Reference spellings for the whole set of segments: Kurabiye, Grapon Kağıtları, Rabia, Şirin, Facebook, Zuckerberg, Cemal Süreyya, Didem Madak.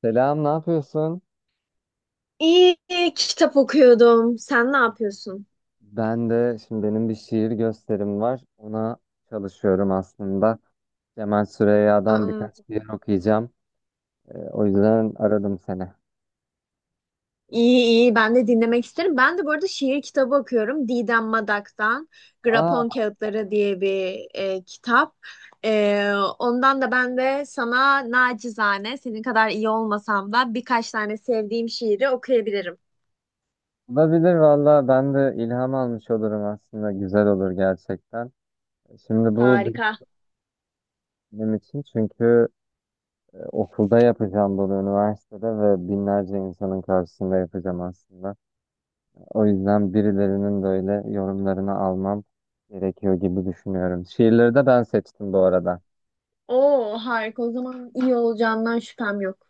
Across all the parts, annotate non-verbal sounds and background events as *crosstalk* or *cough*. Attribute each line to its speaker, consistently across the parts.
Speaker 1: Selam, ne yapıyorsun?
Speaker 2: İyi, kitap okuyordum. Sen ne yapıyorsun?
Speaker 1: Ben de şimdi benim bir şiir gösterim var. Ona çalışıyorum aslında. Cemal Süreyya'dan
Speaker 2: Aa,
Speaker 1: birkaç şiir okuyacağım. O yüzden aradım seni.
Speaker 2: iyi, ben de dinlemek isterim. Ben de bu arada şiir kitabı okuyorum. Didem Madak'tan
Speaker 1: Aa,
Speaker 2: Grapon Kağıtları diye bir kitap. E, Ondan da ben de sana nacizane senin kadar iyi olmasam da birkaç tane sevdiğim şiiri okuyabilirim.
Speaker 1: olabilir valla. Ben de ilham almış olurum aslında. Güzel olur gerçekten. Şimdi bu
Speaker 2: Harika.
Speaker 1: benim için çünkü okulda yapacağım bunu üniversitede ve binlerce insanın karşısında yapacağım aslında. O yüzden birilerinin böyle yorumlarını almam gerekiyor gibi düşünüyorum. Şiirleri de ben seçtim bu arada.
Speaker 2: Oo, harika. O zaman iyi olacağından şüphem yok.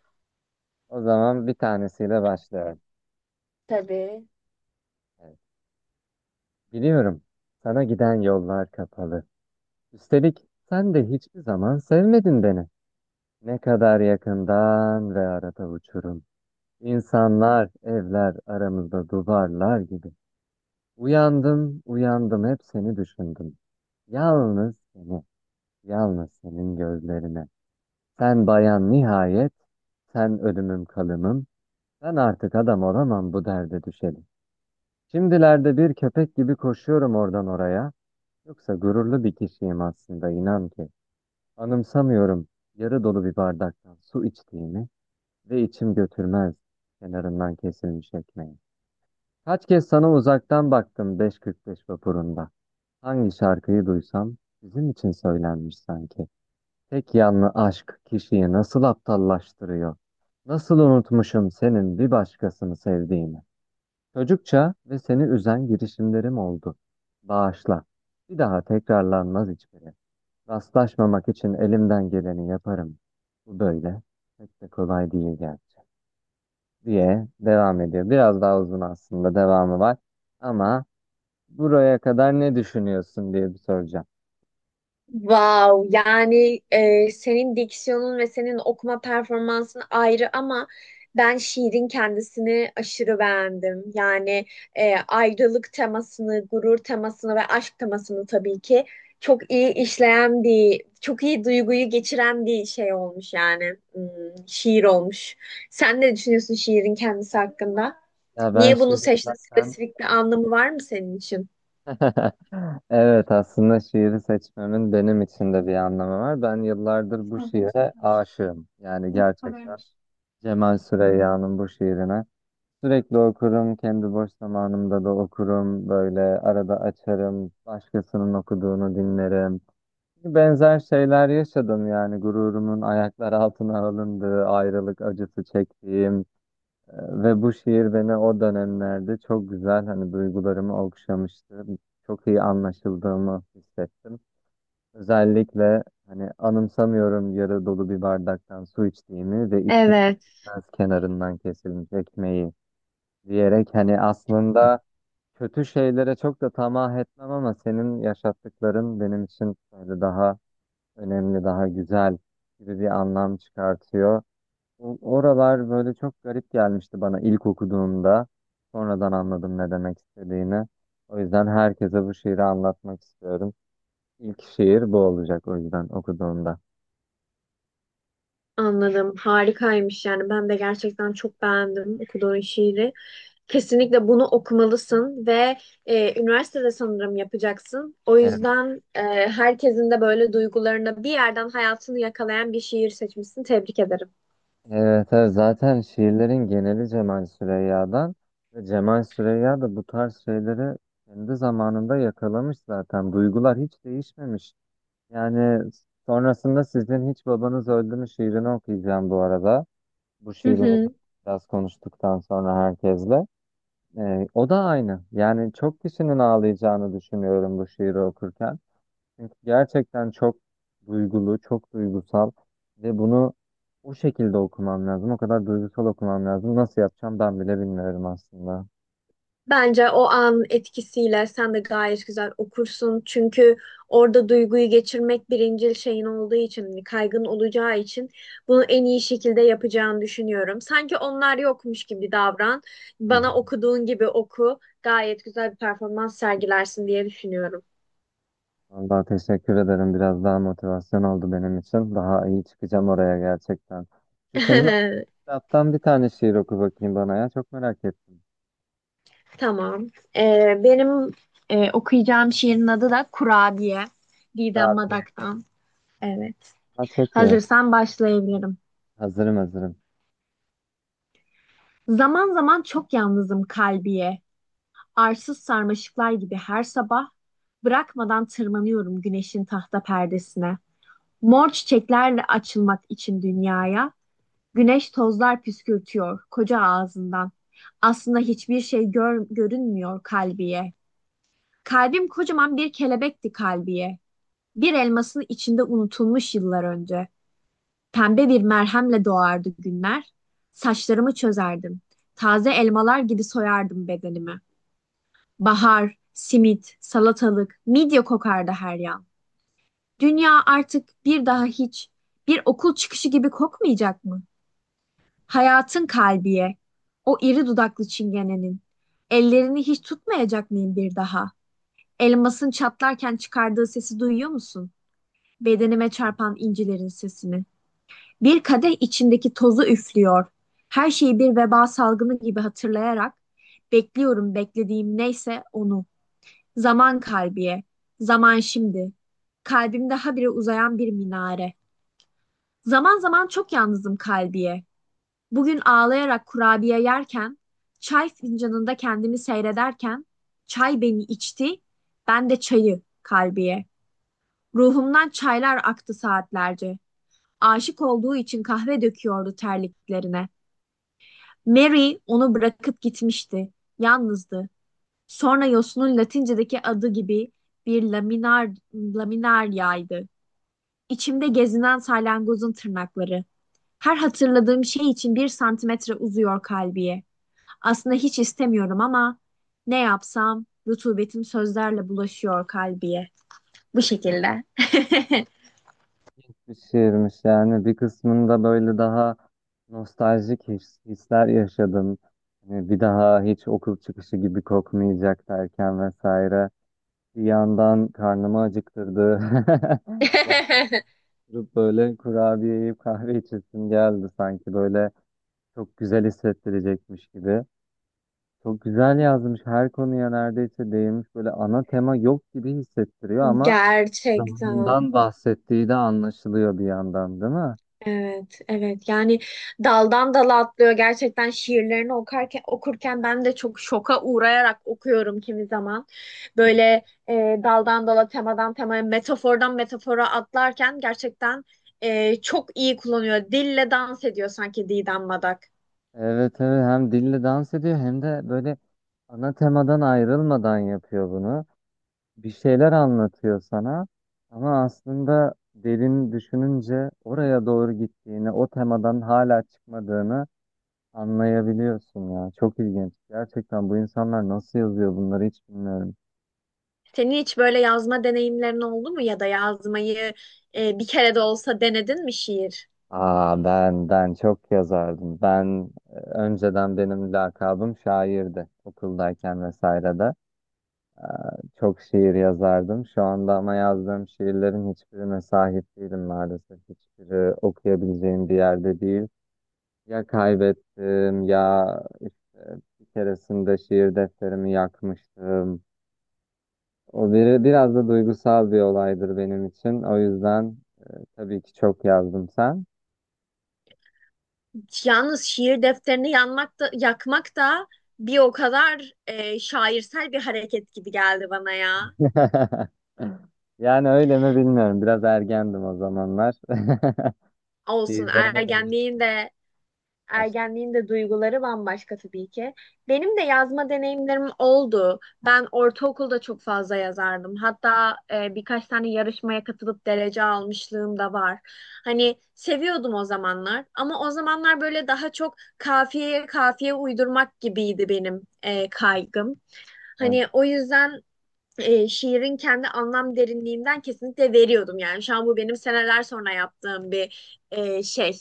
Speaker 1: O zaman bir tanesiyle başlıyorum.
Speaker 2: Tabii.
Speaker 1: Evet. Biliyorum, sana giden yollar kapalı. Üstelik sen de hiçbir zaman sevmedin beni. Ne kadar yakından ve arada uçurum. İnsanlar, evler aramızda duvarlar gibi. Uyandım, uyandım hep seni düşündüm. Yalnız seni, yalnız senin gözlerine. Sen bayan nihayet, sen ölümüm kalımım, ben artık adam olamam bu derde düşelim. Şimdilerde bir köpek gibi koşuyorum oradan oraya, yoksa gururlu bir kişiyim aslında inan ki. Anımsamıyorum yarı dolu bir bardaktan su içtiğimi ve içim götürmez kenarından kesilmiş ekmeği. Kaç kez sana uzaktan baktım beş kırk beş vapurunda. Hangi şarkıyı duysam sizin için söylenmiş sanki. Tek yanlı aşk kişiyi nasıl aptallaştırıyor? Nasıl unutmuşum senin bir başkasını sevdiğini? Çocukça ve seni üzen girişimlerim oldu. Bağışla. Bir daha tekrarlanmaz hiçbiri. Rastlaşmamak için elimden geleni yaparım. Bu böyle. Pek de kolay değil gerçi. Diye devam ediyor. Biraz daha uzun aslında devamı var. Ama buraya kadar ne düşünüyorsun diye bir soracağım.
Speaker 2: Wow, yani senin diksiyonun ve senin okuma performansın ayrı ama ben şiirin kendisini aşırı beğendim. Yani ayrılık temasını, gurur temasını ve aşk temasını tabii ki çok iyi işleyen çok iyi duyguyu geçiren bir şey olmuş yani. Hmm, şiir olmuş. Sen ne düşünüyorsun şiirin kendisi hakkında?
Speaker 1: Ya ben
Speaker 2: Niye bunu
Speaker 1: Şirin
Speaker 2: seçtin?
Speaker 1: zaten.
Speaker 2: Spesifik bir anlamı var mı senin için?
Speaker 1: *laughs* Evet, aslında şiiri seçmemin benim için de bir anlamı var. Ben yıllardır bu şiire aşığım. Yani gerçekten Cemal Süreyya'nın bu şiirine. Sürekli okurum, kendi boş zamanımda da okurum. Böyle arada açarım, başkasının okuduğunu dinlerim. Benzer şeyler yaşadım yani gururumun ayaklar altına alındığı, ayrılık acısı çektiğim. Ve bu şiir beni o dönemlerde çok güzel hani duygularımı okşamıştı. Çok iyi anlaşıldığımı hissettim. Özellikle hani anımsamıyorum yarı dolu bir bardaktan su içtiğimi ve içim
Speaker 2: Evet.
Speaker 1: biraz kenarından kesilmiş ekmeği diyerek hani aslında kötü şeylere çok da tamah etmem ama senin yaşattıkların benim için böyle daha önemli, daha güzel gibi bir anlam çıkartıyor. Oralar böyle çok garip gelmişti bana ilk okuduğumda. Sonradan anladım ne demek istediğini. O yüzden herkese bu şiiri anlatmak istiyorum. İlk şiir bu olacak o yüzden okuduğumda.
Speaker 2: Anladım. Harikaymış yani. Ben de gerçekten çok beğendim okuduğun şiiri. Kesinlikle bunu okumalısın ve üniversitede sanırım yapacaksın. O
Speaker 1: Evet,
Speaker 2: yüzden herkesin de böyle duygularını bir yerden hayatını yakalayan bir şiir seçmişsin. Tebrik ederim.
Speaker 1: evet, evet. Zaten şiirlerin geneli Cemal Süreyya'dan ve Cemal Süreyya da bu tarz şeyleri kendi zamanında yakalamış zaten. Duygular hiç değişmemiş. Yani sonrasında sizin hiç babanız öldü mü şiirini okuyacağım bu arada. Bu
Speaker 2: Hı
Speaker 1: şiirimi
Speaker 2: hı.
Speaker 1: biraz konuştuktan sonra herkesle. O da aynı. Yani çok kişinin ağlayacağını düşünüyorum bu şiiri okurken. Çünkü gerçekten çok duygulu, çok duygusal ve bunu o şekilde okumam lazım. O kadar duygusal okumam lazım. Nasıl yapacağım ben bile bilmiyorum aslında.
Speaker 2: Bence o an etkisiyle sen de gayet güzel okursun. Çünkü orada duyguyu geçirmek birincil şeyin olduğu için, hani kaygın olacağı için bunu en iyi şekilde yapacağını düşünüyorum. Sanki onlar yokmuş gibi davran.
Speaker 1: Hı
Speaker 2: Bana
Speaker 1: hı.
Speaker 2: okuduğun gibi oku. Gayet güzel bir performans sergilersin diye düşünüyorum.
Speaker 1: Vallahi teşekkür ederim. Biraz daha motivasyon oldu benim için. Daha iyi çıkacağım oraya gerçekten. Şu senin o
Speaker 2: *laughs*
Speaker 1: kitaptan bir tane şiir oku bakayım bana ya. Çok merak ettim.
Speaker 2: Tamam. Benim okuyacağım şiirin adı da Kurabiye. Didem
Speaker 1: Rabia'dan
Speaker 2: Madak'tan. Evet.
Speaker 1: çek ya.
Speaker 2: Hazırsan başlayabilirim.
Speaker 1: Hazırım hazırım.
Speaker 2: Zaman zaman çok yalnızım kalbiye. Arsız sarmaşıklar gibi her sabah bırakmadan tırmanıyorum güneşin tahta perdesine. Mor çiçeklerle açılmak için dünyaya güneş tozlar püskürtüyor koca ağzından. Aslında hiçbir şey görünmüyor kalbiye. Kalbim kocaman bir kelebekti kalbiye. Bir elmasın içinde unutulmuş yıllar önce. Pembe bir merhemle doğardı günler. Saçlarımı çözerdim. Taze elmalar gibi soyardım bedenimi. Bahar, simit, salatalık, midye kokardı her yan. Dünya artık bir daha hiç bir okul çıkışı gibi kokmayacak mı? Hayatın kalbiye, o iri dudaklı çingenenin. Ellerini hiç tutmayacak mıyım bir daha? Elmasın çatlarken çıkardığı sesi duyuyor musun? Bedenime çarpan incilerin sesini. Bir kadeh içindeki tozu üflüyor. Her şeyi bir veba salgını gibi hatırlayarak bekliyorum beklediğim neyse onu. Zaman kalbiye, zaman şimdi. Kalbimde habire uzayan bir minare. Zaman zaman çok yalnızım kalbiye. Bugün ağlayarak kurabiye yerken, çay fincanında kendimi seyrederken, çay beni içti, ben de çayı kalbiye. Ruhumdan çaylar aktı saatlerce. Aşık olduğu için kahve döküyordu terliklerine. Mary onu bırakıp gitmişti. Yalnızdı. Sonra yosunun Latincedeki adı gibi bir laminaryaydı. İçimde gezinen salyangozun tırnakları. Her hatırladığım şey için bir santimetre uzuyor kalbiye. Aslında hiç istemiyorum ama ne yapsam rutubetim sözlerle bulaşıyor kalbiye. Bu şekilde.
Speaker 1: Bir şiirmiş yani bir kısmında böyle daha nostaljik hisler yaşadım. Hani bir daha hiç okul çıkışı gibi kokmayacak derken vesaire. Bir yandan karnımı acıktırdı. *laughs* Yani
Speaker 2: *laughs*
Speaker 1: böyle kurabiye yiyip kahve içesim geldi sanki böyle çok güzel hissettirecekmiş gibi. Çok güzel yazmış, her konuya neredeyse değinmiş, böyle ana tema yok gibi hissettiriyor ama
Speaker 2: Gerçekten.
Speaker 1: zamandan bahsettiği de anlaşılıyor bir yandan, değil mi?
Speaker 2: Evet, evet. Yani daldan dala atlıyor. Gerçekten şiirlerini okurken ben de çok şoka uğrayarak okuyorum kimi zaman. Böyle daldan dala, temadan temaya, metafordan metafora atlarken gerçekten çok iyi kullanıyor. Dille dans ediyor sanki Didem Madak.
Speaker 1: Evet, evet, hem dille dans ediyor hem de böyle ana temadan ayrılmadan yapıyor bunu. Bir şeyler anlatıyor sana ama aslında derin düşününce oraya doğru gittiğini, o temadan hala çıkmadığını anlayabiliyorsun ya. Çok ilginç. Gerçekten bu insanlar nasıl yazıyor bunları hiç bilmiyorum.
Speaker 2: Senin hiç böyle yazma deneyimlerin oldu mu ya da yazmayı bir kere de olsa denedin mi şiir?
Speaker 1: Aa, ben çok yazardım. Ben önceden benim lakabım şairdi okuldayken vesaire de. Ee, Çok şiir yazardım. Şu anda ama yazdığım şiirlerin hiçbirine sahip değilim maalesef. Hiçbiri okuyabileceğim bir yerde değil. Ya kaybettim ya işte bir keresinde şiir defterimi yakmıştım. O biri biraz da duygusal bir olaydır benim için. O yüzden tabii ki çok yazdım sen.
Speaker 2: Yalnız şiir defterini yanmak da, yakmak da bir o kadar şairsel bir hareket gibi geldi bana ya.
Speaker 1: *laughs* Yani öyle mi bilmiyorum. Biraz ergendim o zamanlar. *laughs*
Speaker 2: Olsun,
Speaker 1: Şiirlerime de...
Speaker 2: ergenliğin de ergenliğin de duyguları bambaşka tabii ki. Benim de yazma deneyimlerim oldu. Ben ortaokulda çok fazla yazardım. Hatta birkaç tane yarışmaya katılıp derece almışlığım da var. Hani seviyordum o zamanlar ama o zamanlar böyle daha çok kafiyeye kafiye uydurmak gibiydi benim kaygım.
Speaker 1: başladım.
Speaker 2: Hani o yüzden şiirin kendi anlam derinliğinden kesinlikle veriyordum. Yani şu an bu benim seneler sonra yaptığım bir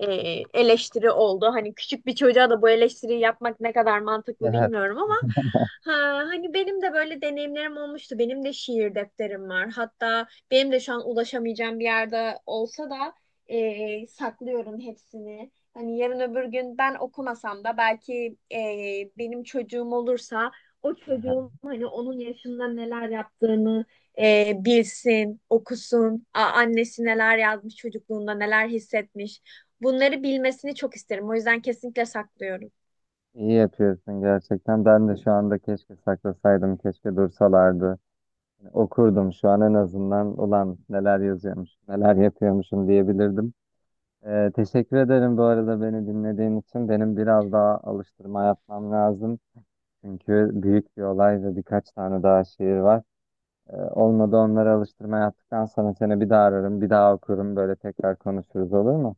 Speaker 2: e, eleştiri oldu. Hani küçük bir çocuğa da bu eleştiriyi yapmak ne kadar mantıklı
Speaker 1: Evet.
Speaker 2: bilmiyorum ama ha, hani benim de böyle deneyimlerim olmuştu. Benim de şiir defterim var. Hatta benim de şu an ulaşamayacağım bir yerde olsa da saklıyorum hepsini. Hani yarın öbür gün ben okumasam da belki benim çocuğum olursa o
Speaker 1: *laughs*
Speaker 2: çocuğun hani onun yaşında neler yaptığını bilsin, okusun, annesi neler yazmış çocukluğunda, neler hissetmiş. Bunları bilmesini çok isterim. O yüzden kesinlikle saklıyorum.
Speaker 1: İyi yapıyorsun gerçekten. Ben de şu anda keşke saklasaydım, keşke dursalardı. Okurdum şu an en azından. Ulan neler yazıyormuş, neler yapıyormuşum diyebilirdim. Teşekkür ederim bu arada beni dinlediğin için. Benim biraz daha alıştırma yapmam lazım. Çünkü büyük bir olay ve birkaç tane daha şiir var. Olmadı onları alıştırma yaptıktan sonra seni bir daha ararım, bir daha okurum. Böyle tekrar konuşuruz, olur mu?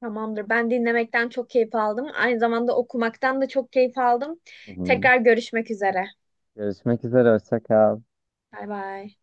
Speaker 2: Tamamdır. Ben dinlemekten çok keyif aldım. Aynı zamanda okumaktan da çok keyif aldım.
Speaker 1: Hı hı.
Speaker 2: Tekrar görüşmek üzere.
Speaker 1: Görüşmek üzere, hoşça kal.
Speaker 2: Bay bay.